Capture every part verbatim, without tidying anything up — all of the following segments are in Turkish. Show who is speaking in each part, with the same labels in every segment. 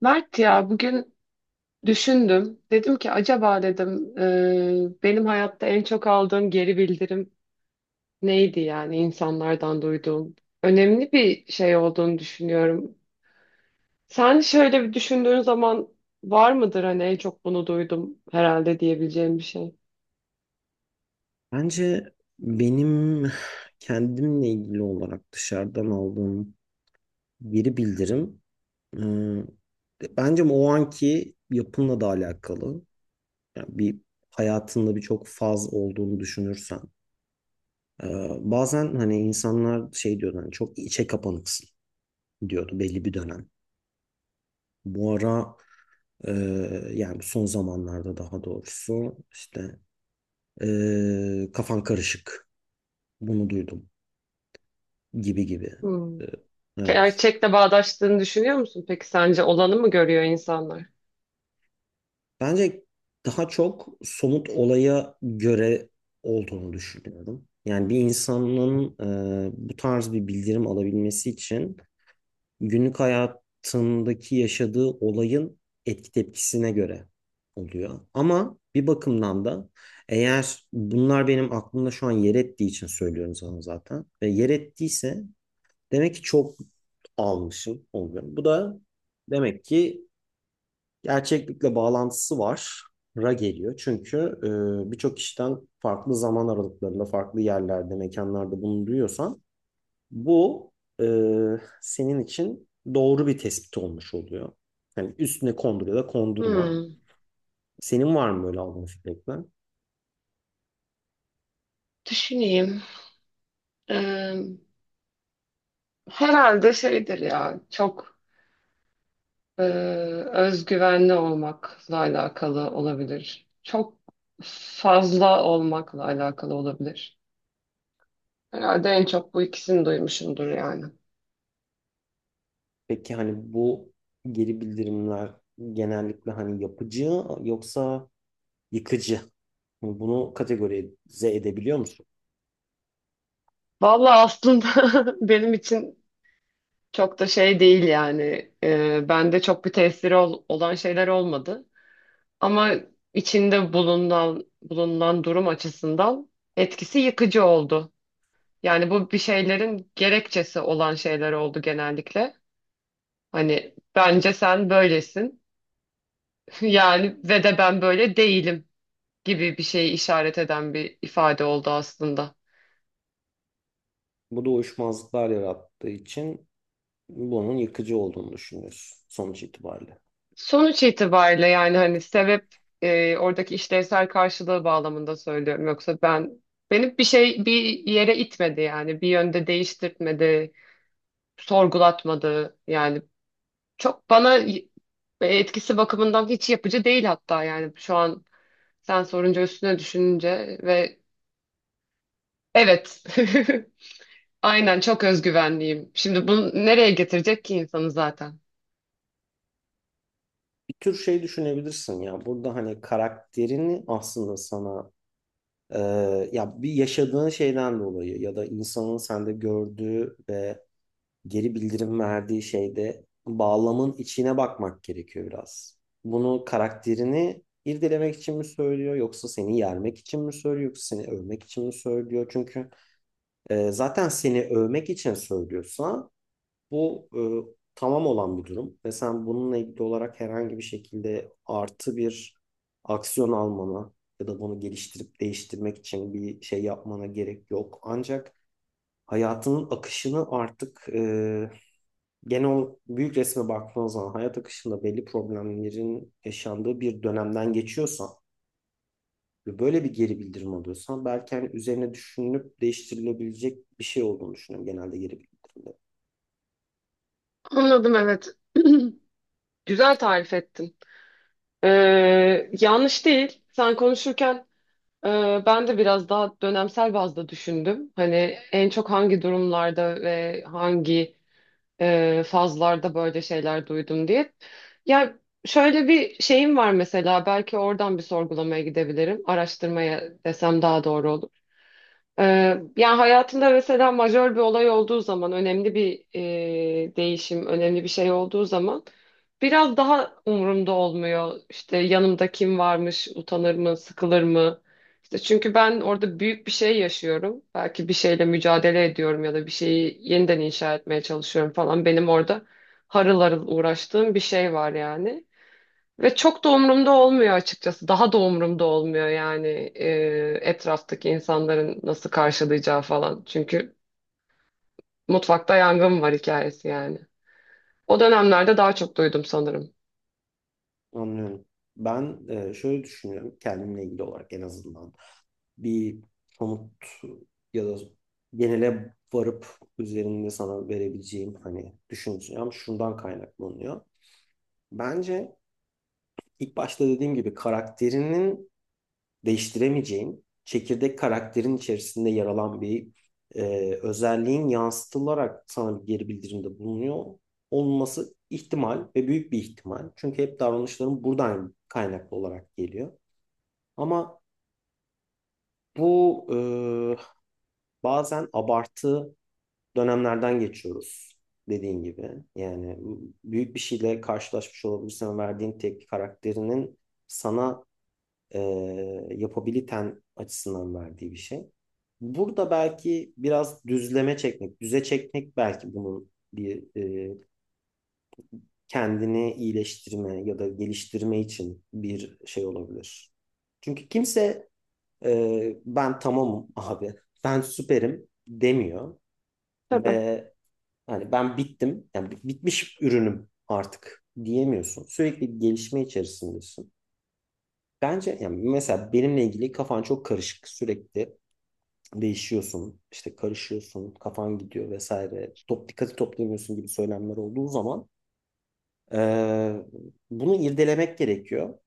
Speaker 1: Mert ya bugün düşündüm. Dedim ki acaba dedim e, benim hayatta en çok aldığım geri bildirim neydi yani insanlardan duyduğum. Önemli bir şey olduğunu düşünüyorum. Sen şöyle bir düşündüğün zaman var mıdır hani en çok bunu duydum herhalde diyebileceğim bir şey.
Speaker 2: Bence benim kendimle ilgili olarak dışarıdan aldığım geri bildirim e, bence o anki yapınla da alakalı. Yani bir hayatında birçok faz olduğunu düşünürsen. e, Bazen hani insanlar şey diyordu, hani çok içe kapanıksın diyordu belli bir dönem. Bu ara, e, yani son zamanlarda daha doğrusu, işte e, kafan karışık bunu duydum gibi gibi.
Speaker 1: Hmm.
Speaker 2: E, Evet.
Speaker 1: Gerçekle bağdaştığını düşünüyor musun? Peki sence olanı mı görüyor insanlar?
Speaker 2: Bence daha çok somut olaya göre olduğunu düşünüyorum. Yani bir insanın e, bu tarz bir bildirim alabilmesi için günlük hayatındaki yaşadığı olayın etki tepkisine göre oluyor. Ama bir bakımdan da, eğer bunlar benim aklımda şu an yer ettiği için söylüyorum sana zaten. Ve yer ettiyse demek ki çok almışım oluyorum. Bu da demek ki gerçeklikle bağlantısı var. Ra geliyor. Çünkü e, birçok kişiden farklı zaman aralıklarında, farklı yerlerde, mekanlarda bunu duyuyorsan bu e, senin için doğru bir tespit olmuş oluyor. Yani üstüne kondur ya da kondurma.
Speaker 1: Hmm.
Speaker 2: Senin var mı böyle aldığın feedbackler?
Speaker 1: Düşüneyim. Ee, herhalde şeydir ya çok Ee, özgüvenli olmakla alakalı olabilir. Çok fazla olmakla alakalı olabilir. Herhalde en çok bu ikisini duymuşumdur yani.
Speaker 2: Peki hani bu geri bildirimler genellikle hani yapıcı yoksa yıkıcı? Bunu kategorize edebiliyor musun?
Speaker 1: Vallahi aslında benim için çok da şey değil yani. Ee, bende çok bir tesiri ol- olan şeyler olmadı. Ama içinde bulunan bulunan durum açısından etkisi yıkıcı oldu. Yani bu bir şeylerin gerekçesi olan şeyler oldu genellikle. Hani bence sen böylesin. Yani ve de ben böyle değilim gibi bir şeyi işaret eden bir ifade oldu aslında.
Speaker 2: Bu da uyuşmazlıklar yarattığı için bunun yıkıcı olduğunu düşünüyorsun sonuç itibariyle.
Speaker 1: Sonuç itibariyle yani hani sebep e, oradaki işlevsel karşılığı bağlamında söylüyorum. Yoksa ben beni bir şey bir yere itmedi yani bir yönde değiştirtmedi, sorgulatmadı. Yani çok bana y- e, etkisi bakımından hiç yapıcı değil hatta yani şu an sen sorunca üstüne düşününce ve evet Aynen çok özgüvenliyim. Şimdi bunu nereye getirecek ki insanı zaten?
Speaker 2: Bir tür şey düşünebilirsin ya burada, hani karakterini aslında sana e, ya bir yaşadığın şeyden dolayı ya da insanın sende gördüğü ve geri bildirim verdiği şeyde bağlamın içine bakmak gerekiyor biraz. Bunu karakterini irdelemek için mi söylüyor yoksa seni yermek için mi söylüyor yoksa seni övmek için mi söylüyor? Çünkü e, zaten seni övmek için söylüyorsa bu e, tamam olan bir durum ve sen bununla ilgili olarak herhangi bir şekilde artı bir aksiyon almana ya da bunu geliştirip değiştirmek için bir şey yapmana gerek yok. Ancak hayatının akışını artık, e, genel büyük resme baktığınız zaman hayat akışında belli problemlerin yaşandığı bir dönemden geçiyorsan ve böyle bir geri bildirim alıyorsan, belki hani üzerine düşünülüp değiştirilebilecek bir şey olduğunu düşünüyorum genelde geri bildirimde.
Speaker 1: Anladım, evet. Güzel tarif ettin. Ee, yanlış değil. Sen konuşurken e, ben de biraz daha dönemsel bazda düşündüm. Hani en çok hangi durumlarda ve hangi e, fazlarda böyle şeyler duydum diye. Ya şöyle bir şeyim var mesela, belki oradan bir sorgulamaya gidebilirim. Araştırmaya desem daha doğru olur. Ee, yani hayatında mesela majör bir olay olduğu zaman, önemli bir e, değişim, önemli bir şey olduğu zaman biraz daha umurumda olmuyor. İşte yanımda kim varmış, utanır mı, sıkılır mı? İşte çünkü ben orada büyük bir şey yaşıyorum. Belki bir şeyle mücadele ediyorum ya da bir şeyi yeniden inşa etmeye çalışıyorum falan. Benim orada harıl harıl uğraştığım bir şey var yani. Ve çok da umurumda olmuyor açıkçası. Daha da umurumda olmuyor yani e, etraftaki insanların nasıl karşılayacağı falan. Çünkü mutfakta yangın var hikayesi yani. O dönemlerde daha çok duydum sanırım.
Speaker 2: Anlıyorum. Ben e, şöyle düşünüyorum kendimle ilgili olarak, en azından bir somut ya da genele varıp üzerinde sana verebileceğim hani düşüncem şundan kaynaklanıyor. Bence ilk başta dediğim gibi karakterinin değiştiremeyeceğin çekirdek karakterin içerisinde yer alan bir e, özelliğin yansıtılarak sana bir geri bildirimde bulunuyor olması ihtimal ve büyük bir ihtimal. Çünkü hep davranışların buradan kaynaklı olarak geliyor. Ama bu, e, bazen abartı dönemlerden geçiyoruz dediğin gibi. Yani büyük bir şeyle karşılaşmış olabilirsin ve verdiğin tepki karakterinin sana e, yapabiliten açısından verdiği bir şey. Burada belki biraz düzleme çekmek, düze çekmek belki bunun bir e, kendini iyileştirme ya da geliştirme için bir şey olabilir. Çünkü kimse e, ben tamamım abi. Ben süperim demiyor
Speaker 1: Tabii.
Speaker 2: ve hani ben bittim. Yani bitmiş ürünüm artık diyemiyorsun. Sürekli bir gelişme içerisindesin. Bence yani mesela benimle ilgili kafan çok karışık. Sürekli değişiyorsun, işte karışıyorsun, kafan gidiyor vesaire. Top dikkati toplayamıyorsun gibi söylemler olduğu zaman e, bunu irdelemek gerekiyor.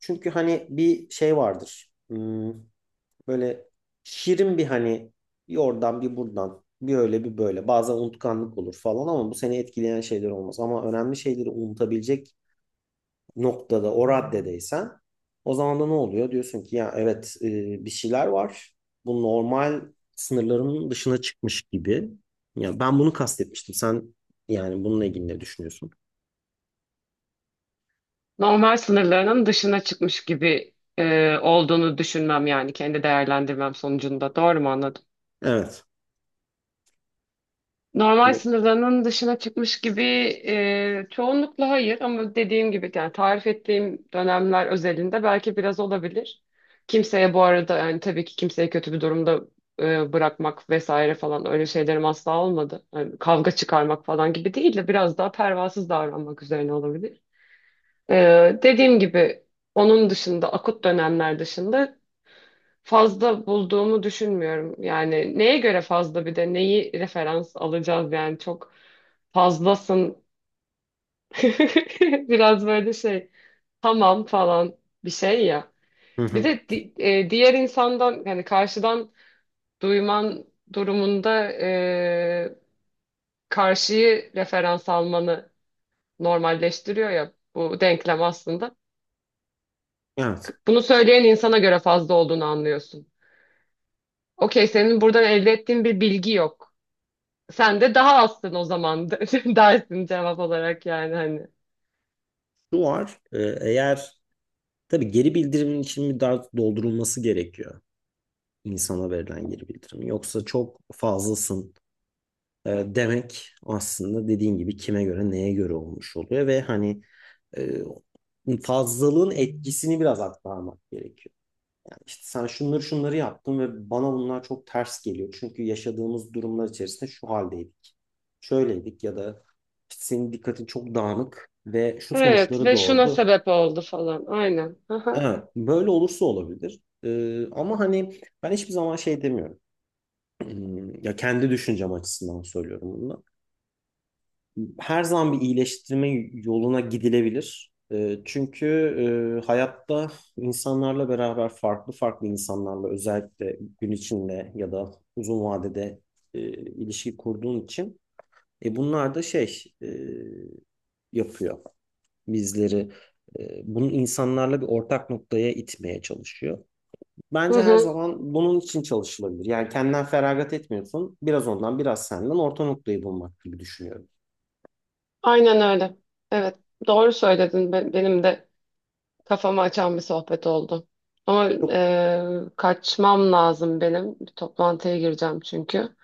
Speaker 2: Çünkü hani bir şey vardır. Hmm, böyle şirin bir hani, bir oradan bir buradan bir öyle bir böyle. Bazen unutkanlık olur falan ama bu seni etkileyen şeyler olmaz. Ama önemli şeyleri unutabilecek noktada, o raddedeysen, o zaman da ne oluyor? Diyorsun ki ya evet, e, bir şeyler var. Bu normal sınırlarımın dışına çıkmış gibi. Ya ben bunu kastetmiştim. Sen yani bununla ilgili ne düşünüyorsun?
Speaker 1: Normal sınırlarının dışına çıkmış gibi e, olduğunu düşünmem yani kendi değerlendirmem sonucunda. Doğru mu anladım?
Speaker 2: Evet.
Speaker 1: Normal
Speaker 2: Ve-
Speaker 1: sınırlarının dışına çıkmış gibi e, çoğunlukla hayır, ama dediğim gibi yani tarif ettiğim dönemler özelinde belki biraz olabilir. Kimseye bu arada yani tabii ki kimseyi kötü bir durumda e, bırakmak vesaire falan öyle şeylerim asla olmadı. Yani kavga çıkarmak falan gibi değil de biraz daha pervasız davranmak üzerine olabilir. Ee, dediğim gibi onun dışında, akut dönemler dışında fazla bulduğumu düşünmüyorum. Yani neye göre fazla, bir de neyi referans alacağız yani çok fazlasın biraz böyle şey, tamam falan bir şey ya.
Speaker 2: Hı
Speaker 1: Bir
Speaker 2: hı.
Speaker 1: de di- e, diğer insandan yani karşıdan duyman durumunda e, karşıyı referans almanı normalleştiriyor ya bu denklem aslında.
Speaker 2: Evet.
Speaker 1: Bunu söyleyen insana göre fazla olduğunu anlıyorsun. Okey, senin buradan elde ettiğin bir bilgi yok. Sen de daha azsın o zaman dersin cevap olarak yani hani.
Speaker 2: Şu var. E, eğer, tabii, geri bildirimin için bir daha doldurulması gerekiyor. İnsana verilen geri bildirim. Yoksa çok fazlasın e, demek, aslında dediğin gibi kime göre neye göre olmuş oluyor ve hani e, fazlalığın etkisini biraz aktarmak gerekiyor. Yani işte sen şunları şunları yaptın ve bana bunlar çok ters geliyor. Çünkü yaşadığımız durumlar içerisinde şu haldeydik. Şöyleydik ya da işte senin dikkatin çok dağınık ve şu
Speaker 1: Evet
Speaker 2: sonuçları
Speaker 1: ve şuna
Speaker 2: doğurdu.
Speaker 1: sebep oldu falan. Aynen. Aha.
Speaker 2: Evet, böyle olursa olabilir. E, ama hani ben hiçbir zaman şey demiyorum. Hmm, ya kendi düşüncem açısından söylüyorum bunu. Her zaman bir iyileştirme yoluna gidilebilir. Ee, Çünkü e, hayatta insanlarla beraber, farklı farklı insanlarla özellikle gün içinde ya da uzun vadede e, ilişki kurduğun için e, bunlar da şey e, yapıyor bizleri. E, Bunu insanlarla bir ortak noktaya itmeye çalışıyor.
Speaker 1: Hı
Speaker 2: Bence her
Speaker 1: hı.
Speaker 2: zaman bunun için çalışılabilir. Yani kendinden feragat etmiyorsun. Biraz ondan, biraz senden, orta noktayı bulmak gibi düşünüyorum.
Speaker 1: Aynen öyle. Evet. Doğru söyledin. Be- Benim de kafamı açan bir sohbet oldu. Ama
Speaker 2: Çok
Speaker 1: e, kaçmam lazım benim. Bir toplantıya gireceğim çünkü.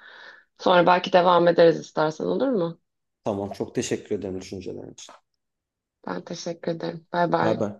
Speaker 1: Sonra belki devam ederiz istersen, olur mu?
Speaker 2: tamam, çok teşekkür ederim düşüncelerin için.
Speaker 1: Ben teşekkür ederim. Bay
Speaker 2: Bay
Speaker 1: bay.
Speaker 2: bay.